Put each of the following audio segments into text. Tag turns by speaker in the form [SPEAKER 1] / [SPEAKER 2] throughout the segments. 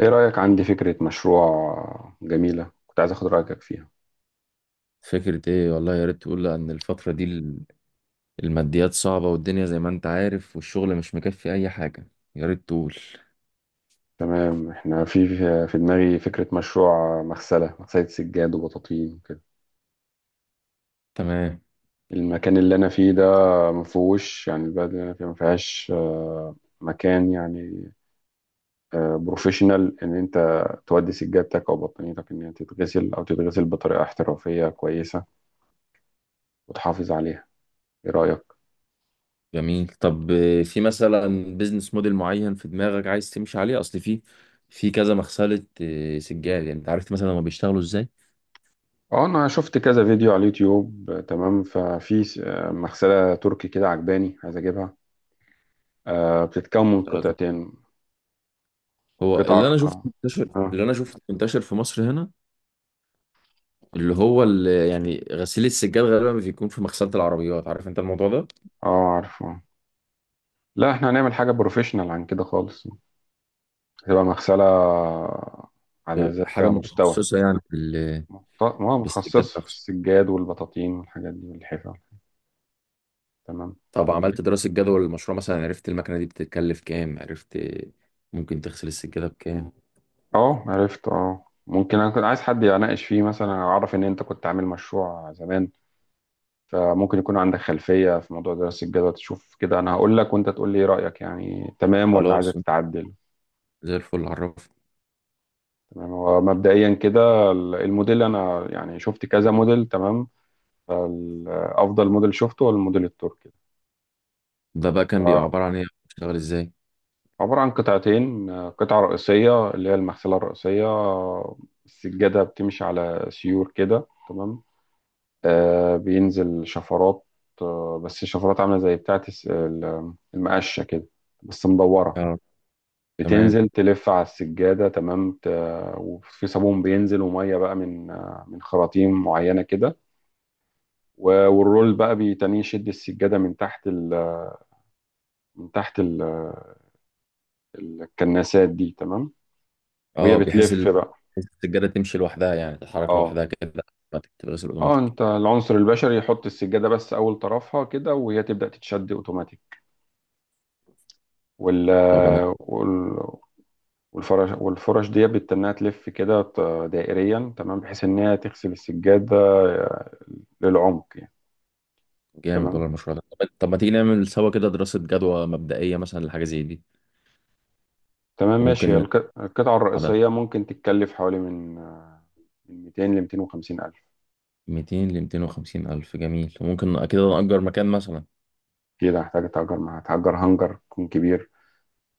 [SPEAKER 1] ايه رأيك؟ عندي فكرة مشروع جميلة، كنت عايز اخد رأيك فيها.
[SPEAKER 2] فكرة ايه؟ والله يا ريت تقول. ان الفترة دي الماديات صعبة والدنيا زي ما انت عارف، والشغل مش مكفي اي حاجة. يا ريت تقول.
[SPEAKER 1] تمام. احنا في دماغي فكرة مشروع مغسلة، سجاد وبطاطين وكده.
[SPEAKER 2] تمام.
[SPEAKER 1] المكان اللي انا فيه ده مفهوش، يعني البلد اللي انا فيها مفيهاش مكان يعني بروفيشنال، ان انت تودي سجادتك او بطانيتك، ان هي تتغسل او تتغسل بطريقة احترافية كويسة وتحافظ عليها. ايه رأيك؟
[SPEAKER 2] جميل. طب في مثلا بيزنس موديل معين في دماغك عايز تمشي عليه؟ اصل في كذا مغسلة سجاد، يعني انت عرفت مثلا هما بيشتغلوا ازاي؟
[SPEAKER 1] اه، انا شفت كذا فيديو على اليوتيوب، تمام. ففي مغسلة تركي كده عجباني، عايز اجيبها. بتتكون من قطعتين،
[SPEAKER 2] هو اللي
[SPEAKER 1] قطعة
[SPEAKER 2] انا شفته منتشر
[SPEAKER 1] اه.
[SPEAKER 2] اللي انا شفته منتشر في مصر هنا، اللي يعني غسيل السجاد غالبا بيكون في مغسلة العربيات، عارف انت الموضوع ده؟
[SPEAKER 1] عارفه. لا، احنا هنعمل حاجة بروفيشنال عن كده خالص. هتبقى مغسلة على ذات
[SPEAKER 2] حاجة
[SPEAKER 1] مستوى،
[SPEAKER 2] متخصصة يعني، في السجاد
[SPEAKER 1] متخصصة في
[SPEAKER 2] نفسه.
[SPEAKER 1] السجاد والبطاطين والحاجات دي والحفا. تمام.
[SPEAKER 2] طب عملت دراسة جدوى للمشروع مثلا؟ عرفت المكنة دي بتتكلف كام؟ عرفت ممكن تغسل السجادة بكام؟
[SPEAKER 1] اه عرفت، اه ممكن. انا كنت عايز حد يناقش فيه مثلا، أنا اعرف ان انت كنت عامل مشروع زمان، فممكن يكون عندك خلفية في موضوع دراسة الجدوى. تشوف كده، انا هقول لك وانت تقول لي ايه رأيك يعني، تمام ولا
[SPEAKER 2] خلاص
[SPEAKER 1] عايزك تتعدل.
[SPEAKER 2] زي الفل. عرفت
[SPEAKER 1] تمام، هو مبدئيا كده الموديل، انا يعني شفت كذا موديل تمام. فافضل موديل شفته هو الموديل التركي.
[SPEAKER 2] ده بقى كان بيبقى
[SPEAKER 1] آه،
[SPEAKER 2] عبارة عن ايه؟ بتشتغل ازاي؟
[SPEAKER 1] عبارة عن قطعتين، قطعة رئيسية اللي هي المغسلة الرئيسية. السجادة بتمشي على سيور كده تمام. بينزل شفرات، بس الشفرات عاملة زي بتاعة المقشة كده، بس مدورة.
[SPEAKER 2] اه. تمام.
[SPEAKER 1] بتنزل تلف على السجادة تمام. وفي صابون بينزل ومية بقى من خراطيم معينة كده. والرول بقى بيتنيه يشد السجادة من تحت من تحت الكناسات دي تمام. وهي
[SPEAKER 2] اه. بحيث
[SPEAKER 1] بتلف بقى.
[SPEAKER 2] بحيث السجادة تمشي لوحدها، يعني تتحرك
[SPEAKER 1] اه،
[SPEAKER 2] لوحدها كده اوتوماتيك، تتغسل
[SPEAKER 1] اه،
[SPEAKER 2] اوتوماتيك.
[SPEAKER 1] انت العنصر البشري يحط السجادة بس اول طرفها كده، وهي تبدأ تتشد اوتوماتيك، وال...
[SPEAKER 2] طب انا.
[SPEAKER 1] وال... والفرش دي بتتنيها تلف كده دائريا تمام، بحيث ان هي تغسل السجادة آه، للعمق يعني.
[SPEAKER 2] جامد ولا
[SPEAKER 1] تمام.
[SPEAKER 2] المشروع ده. طب ما تيجي نعمل سوا كده دراسة جدوى مبدئية مثلا لحاجة زي دي.
[SPEAKER 1] تمام ماشي، هي
[SPEAKER 2] وممكن
[SPEAKER 1] القطعة
[SPEAKER 2] عدد
[SPEAKER 1] الرئيسية ممكن تتكلف حوالي من 200 ل 250 ألف.
[SPEAKER 2] 200 ل 250 ألف. جميل، وممكن أكيد نأجر مكان مثلا.
[SPEAKER 1] كده هحتاج، اتأجر مع هتأجر هنجر يكون كبير،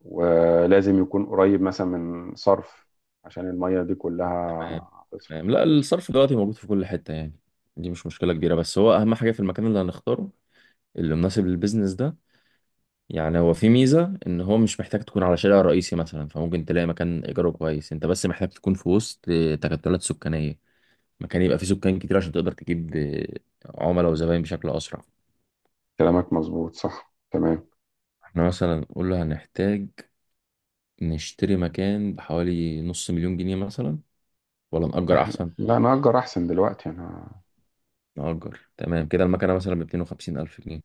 [SPEAKER 1] ولازم يكون قريب مثلا من صرف عشان المية دي كلها
[SPEAKER 2] تمام. تمام.
[SPEAKER 1] هتصرف.
[SPEAKER 2] لا الصرف دلوقتي موجود في كل حتة يعني، دي مش مشكلة كبيرة. بس هو أهم حاجة في المكان اللي هنختاره، اللي مناسب للبيزنس ده. يعني هو في ميزة إن هو مش محتاج تكون على شارع رئيسي مثلا، فممكن تلاقي مكان إيجاره كويس. أنت بس محتاج تكون في وسط تكتلات سكانية، مكان يبقى فيه سكان كتير عشان تقدر تجيب عملاء وزباين بشكل أسرع.
[SPEAKER 1] كلامك مظبوط، صح تمام.
[SPEAKER 2] احنا مثلا قلنا هنحتاج نشتري مكان بحوالي نص مليون جنيه مثلا، ولا نأجر
[SPEAKER 1] أحلى.
[SPEAKER 2] أحسن؟
[SPEAKER 1] لا، انا اجر احسن دلوقتي، انا.
[SPEAKER 2] نأجر. تمام كده المكنة مثلا ب 250 ألف جنيه،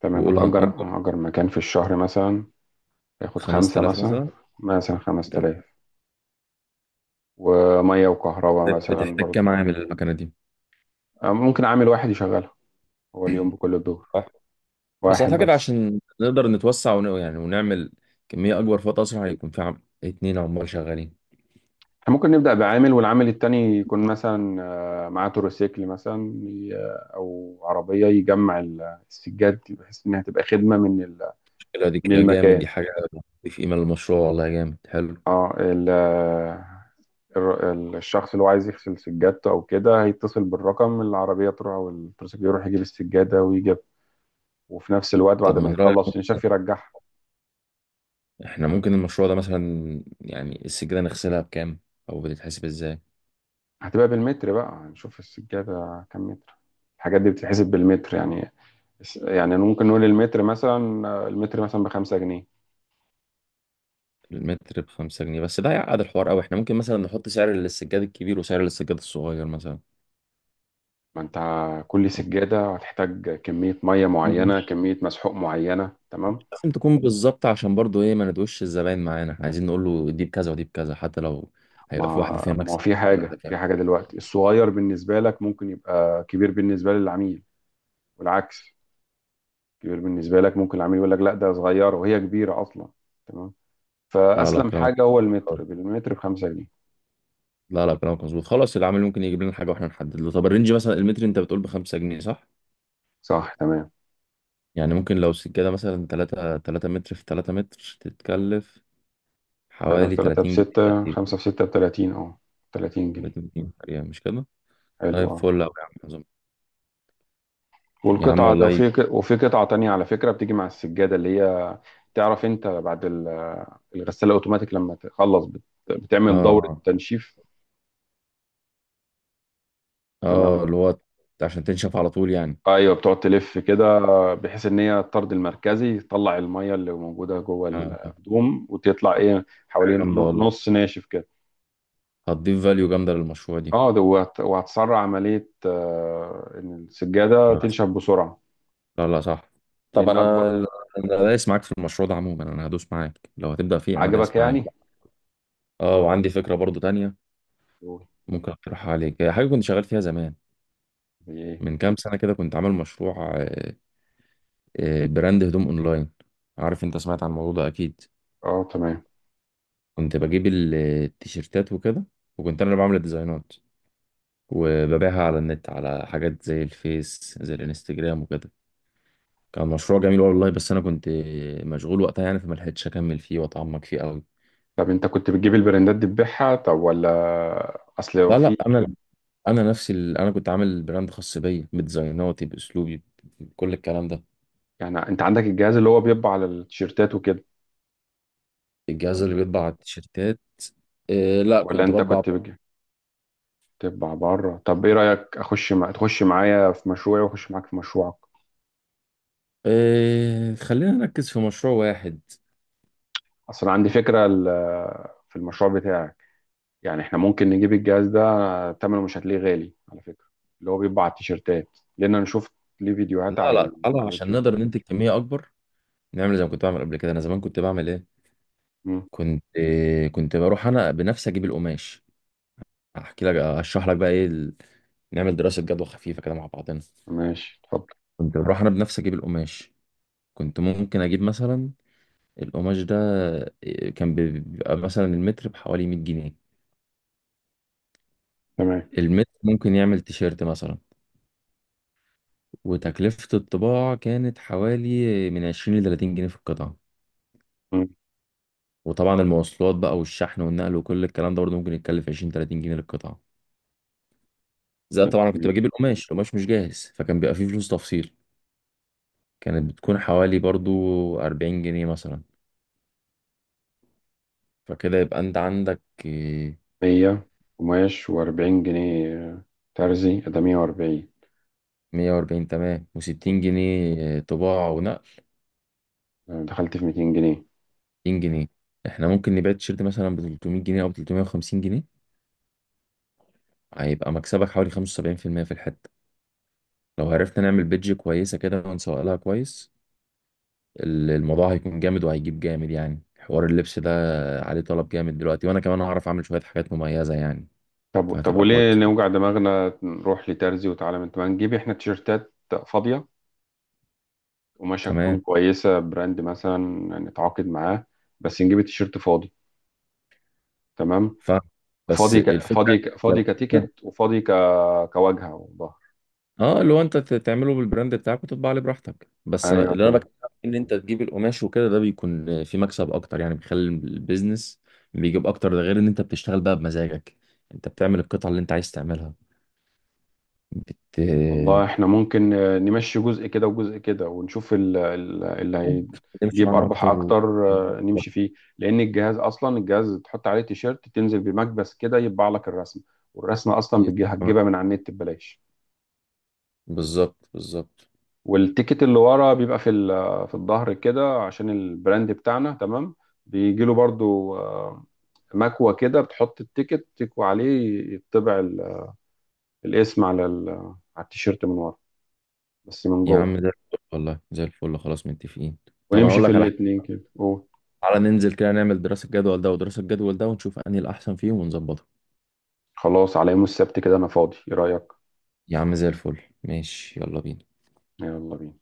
[SPEAKER 1] تمام.
[SPEAKER 2] وقول هنأجر
[SPEAKER 1] هأجر مكان في الشهر مثلا هياخد خمسة
[SPEAKER 2] 5000
[SPEAKER 1] مثلا،
[SPEAKER 2] مثلا.
[SPEAKER 1] مثلا 5000،
[SPEAKER 2] جميل.
[SPEAKER 1] ومية وكهرباء مثلا
[SPEAKER 2] بتحتاج كام
[SPEAKER 1] برضه.
[SPEAKER 2] عامل المكنة دي؟
[SPEAKER 1] ممكن عامل واحد يشغلها، هو اليوم بكل الدور،
[SPEAKER 2] صح. بس
[SPEAKER 1] واحد
[SPEAKER 2] أعتقد
[SPEAKER 1] بس.
[SPEAKER 2] عشان نقدر نتوسع يعني ونعمل كمية أكبر في وقت أسرع، هيكون في اتنين عمال شغالين.
[SPEAKER 1] احنا ممكن نبدأ بعامل، والعامل التاني يكون مثلا معاه تروسيكل مثلا أو عربية، يجمع السجاد، بحيث إنها تبقى خدمة من
[SPEAKER 2] المشكلة دي
[SPEAKER 1] من
[SPEAKER 2] كده جامد،
[SPEAKER 1] المكان.
[SPEAKER 2] دي حاجة في قيمة للمشروع. والله جامد حلو.
[SPEAKER 1] اه، الشخص اللي هو عايز يغسل سجادته أو كده هيتصل بالرقم، العربية تروح أو التروسيكل يروح يجيب السجادة ويجيب، وفي نفس الوقت
[SPEAKER 2] طب
[SPEAKER 1] بعد ما
[SPEAKER 2] من رأيك
[SPEAKER 1] يخلص ينشف يرجعها.
[SPEAKER 2] إحنا ممكن المشروع ده مثلا، يعني السجادة نغسلها بكام؟ أو بتتحسب إزاي؟
[SPEAKER 1] هتبقى بالمتر بقى، هنشوف السجادة كام متر. الحاجات دي بتتحسب بالمتر يعني. يعني ممكن نقول المتر مثلا، ب5 جنيه.
[SPEAKER 2] المتر بخمسة جنيه بس ده هيعقد الحوار أوي. إحنا ممكن مثلا نحط سعر للسجاد الكبير وسعر للسجاد الصغير مثلا.
[SPEAKER 1] ما انت، كل سجادة هتحتاج كمية مية معينة، كمية مسحوق معينة تمام.
[SPEAKER 2] لازم تكون بالظبط، عشان برضو ايه ما ندوش الزباين معانا. احنا عايزين نقول له دي بكذا ودي بكذا، حتى لو
[SPEAKER 1] ما
[SPEAKER 2] هيبقى في واحده فيها
[SPEAKER 1] ما هو
[SPEAKER 2] مكسب،
[SPEAKER 1] في
[SPEAKER 2] هي واحده
[SPEAKER 1] حاجة،
[SPEAKER 2] فيها.
[SPEAKER 1] دلوقتي الصغير بالنسبة لك ممكن يبقى كبير بالنسبة للعميل، والعكس. كبير بالنسبة لك ممكن العميل يقول لك لا، ده صغيرة وهي كبيرة أصلا، تمام.
[SPEAKER 2] لا لا
[SPEAKER 1] فأسلم
[SPEAKER 2] كلامك
[SPEAKER 1] حاجة هو المتر، بالمتر ب5 جنيه.
[SPEAKER 2] لا لا كلامك مظبوط. خلاص العامل ممكن يجيب لنا حاجه واحنا نحدد له. طب الرينج مثلا المتر انت بتقول ب 5 جنيه، صح؟
[SPEAKER 1] صح تمام.
[SPEAKER 2] يعني ممكن لو سجاده مثلا 3 3 متر في 3 متر، تتكلف
[SPEAKER 1] تلاتة في
[SPEAKER 2] حوالي
[SPEAKER 1] تلاتة
[SPEAKER 2] 30 جنيه
[SPEAKER 1] بستة،
[SPEAKER 2] تقريبا.
[SPEAKER 1] خمسة في ستة ب30، اه، 30 جنيه.
[SPEAKER 2] 30 جنيه تقريبا، مش كده؟
[SPEAKER 1] حلو
[SPEAKER 2] طيب
[SPEAKER 1] اه.
[SPEAKER 2] فل قوي يا عم، عظيم. يا عم
[SPEAKER 1] والقطعة ده،
[SPEAKER 2] والله.
[SPEAKER 1] وفي قطعة تانية على فكرة بتيجي مع السجادة، اللي هي تعرف انت بعد الغسالة اوتوماتيك لما تخلص
[SPEAKER 2] اه.
[SPEAKER 1] بتعمل دورة
[SPEAKER 2] اه.
[SPEAKER 1] تنشيف تمام.
[SPEAKER 2] اللي هو عشان تنشف على طول يعني.
[SPEAKER 1] ايوه، بتقعد تلف كده بحيث ان هي الطرد المركزي تطلع المية اللي موجودة جوه
[SPEAKER 2] اه.
[SPEAKER 1] الهدوم، وتطلع ايه
[SPEAKER 2] حاجه
[SPEAKER 1] حوالين
[SPEAKER 2] جامده والله،
[SPEAKER 1] نص ناشف كده.
[SPEAKER 2] هتضيف فاليو جامدة للمشروع دي.
[SPEAKER 1] اه، ده وهتسرع عملية، ان السجادة
[SPEAKER 2] لا.
[SPEAKER 1] تنشف بسرعة
[SPEAKER 2] لا لا صح. طب
[SPEAKER 1] لان اكبر.
[SPEAKER 2] انا. انا دايس معاك في المشروع ده عموما، انا هدوس معاك لو هتبدأ فيه، انا
[SPEAKER 1] عجبك
[SPEAKER 2] دايس معاك.
[SPEAKER 1] يعني؟
[SPEAKER 2] اه، وعندي فكرة برضو تانية
[SPEAKER 1] قول.
[SPEAKER 2] ممكن اقترحها عليك. هي حاجة كنت شغال فيها زمان،
[SPEAKER 1] ايه.
[SPEAKER 2] من كام سنة كده. كنت عامل مشروع براند هدوم اونلاين، عارف انت، سمعت عن الموضوع ده اكيد.
[SPEAKER 1] اه تمام.
[SPEAKER 2] كنت بجيب التيشيرتات وكده، وكنت انا اللي بعمل الديزاينات وببيعها على النت، على حاجات زي الفيس زي الانستجرام وكده. كان مشروع جميل والله، بس انا كنت مشغول وقتها يعني فما لحقتش اكمل فيه واتعمق فيه قوي.
[SPEAKER 1] طب انت كنت بتجيب البراندات دي تبيعها؟ طب ولا، اصل لو
[SPEAKER 2] لا
[SPEAKER 1] في.
[SPEAKER 2] لا، انا نفسي انا كنت عامل براند خاص بيا، بديزايناتي، باسلوبي، بكل الكلام ده.
[SPEAKER 1] يعني انت عندك الجهاز اللي هو بيطبع على التيشيرتات وكده
[SPEAKER 2] الجهاز اللي
[SPEAKER 1] ولا؟
[SPEAKER 2] بيطبع على التيشيرتات. إيه لا
[SPEAKER 1] ولا
[SPEAKER 2] كنت
[SPEAKER 1] انت
[SPEAKER 2] بطبع.
[SPEAKER 1] كنت بتجيب تطبع بره؟ طب ايه رايك، تخش معايا في مشروعي واخش معاك في مشروعك؟
[SPEAKER 2] إيه خلينا نركز في مشروع واحد.
[SPEAKER 1] اصل عندي فكره في المشروع بتاعك، يعني احنا ممكن نجيب الجهاز ده، ثمنه مش هتلاقيه غالي على فكره، اللي هو بيطبع على التيشيرتات. لان انا شفت ليه فيديوهات
[SPEAKER 2] لا لا تعالى،
[SPEAKER 1] على
[SPEAKER 2] عشان
[SPEAKER 1] اليوتيوب.
[SPEAKER 2] نقدر ننتج كمية اكبر نعمل زي ما كنت بعمل قبل كده. انا زمان كنت بعمل ايه؟
[SPEAKER 1] مم.
[SPEAKER 2] كنت إيه، كنت بروح انا بنفسي اجيب القماش. احكي لك، اشرح لك بقى ايه نعمل دراسة جدوى خفيفة كده مع بعضنا.
[SPEAKER 1] ماشي اتفضل.
[SPEAKER 2] كنت بروح انا بنفسي اجيب القماش، كنت ممكن اجيب مثلا القماش ده كان بيبقى مثلا المتر بحوالي 100 جنيه.
[SPEAKER 1] تمام.
[SPEAKER 2] المتر ممكن يعمل تيشيرت مثلا، وتكلفة الطباعة كانت حوالي من 20 ل 30 جنيه في القطعة. وطبعا المواصلات بقى والشحن والنقل وكل الكلام ده برضه ممكن يتكلف 20 30 جنيه للقطعة. زائد طبعا أنا كنت
[SPEAKER 1] مم.
[SPEAKER 2] بجيب القماش، القماش مش جاهز، فكان بيبقى فيه فلوس تفصيل، كانت بتكون حوالي برضه 40 جنيه مثلا. فكده يبقى انت عندك
[SPEAKER 1] 100 قماش و40 جنيه، ترزي، ده 140.
[SPEAKER 2] 140، تمام، و60 جنيه طباعة ونقل،
[SPEAKER 1] دخلت في 200 جنيه.
[SPEAKER 2] 60 جنيه. احنا ممكن نبيع التيشيرت مثلا ب 300 جنيه او ب 350 جنيه، هيبقى مكسبك حوالي 75% في المية في الحتة. لو عرفنا نعمل بيدج كويسة كده ونسوق لها كويس، الموضوع هيكون جامد، وهيجيب جامد يعني. حوار اللبس ده عليه طلب جامد دلوقتي، وانا كمان هعرف اعمل شوية حاجات مميزة يعني،
[SPEAKER 1] طب
[SPEAKER 2] فهتبقى
[SPEAKER 1] وليه
[SPEAKER 2] كويسة.
[SPEAKER 1] نوجع دماغنا نروح لترزي؟ وتعالى، من ما نجيب احنا تيشيرتات فاضية، قماشة تكون
[SPEAKER 2] تمام.
[SPEAKER 1] كويسة براند مثلا، نتعاقد معاه، بس نجيب التيشيرت فاضي. تمام.
[SPEAKER 2] ف بس الفكرة.
[SPEAKER 1] فاضي كتيكت، وفاضي كواجهة وظهر.
[SPEAKER 2] اه اللي هو انت تعمله بالبراند بتاعك وتطبع عليه براحتك. بس انا
[SPEAKER 1] ايوه.
[SPEAKER 2] اللي انا بكلمك ان انت تجيب القماش وكده، ده بيكون في مكسب اكتر يعني، بيخلي البيزنس بيجيب اكتر. ده غير ان انت بتشتغل بقى بمزاجك، انت بتعمل القطعة اللي انت عايز تعملها بت
[SPEAKER 1] والله احنا ممكن نمشي جزء كده وجزء كده، ونشوف اللي
[SPEAKER 2] بتمشي
[SPEAKER 1] هيجيب
[SPEAKER 2] معانا
[SPEAKER 1] ارباح
[SPEAKER 2] اكتر و...
[SPEAKER 1] اكتر، نمشي فيه. لان الجهاز اصلا، الجهاز تحط عليه تيشيرت تنزل بمكبس كده يطبع لك الرسمه، والرسمه اصلا هتجيبها من على النت ببلاش.
[SPEAKER 2] بالظبط بالظبط.
[SPEAKER 1] والتيكت اللي ورا بيبقى في الظهر كده عشان البراند بتاعنا تمام. بيجي له برضو مكوه كده، بتحط التيكت تكوي عليه يطبع الاسم على التيشيرت من ورا، بس من
[SPEAKER 2] يا
[SPEAKER 1] جوه.
[SPEAKER 2] عم ده والله زي الفل، خلاص متفقين. طب انا
[SPEAKER 1] ونمشي
[SPEAKER 2] اقول
[SPEAKER 1] في
[SPEAKER 2] لك على حاجه،
[SPEAKER 1] الاتنين كده.
[SPEAKER 2] تعالى ننزل كده نعمل دراسة جدول ده ودراسة جدول ده، ونشوف انهي الاحسن فيهم ونظبطه.
[SPEAKER 1] خلاص، على يوم السبت كده انا فاضي، ايه رأيك؟
[SPEAKER 2] يا عم زي الفل ماشي. يلا بينا.
[SPEAKER 1] يلا بينا.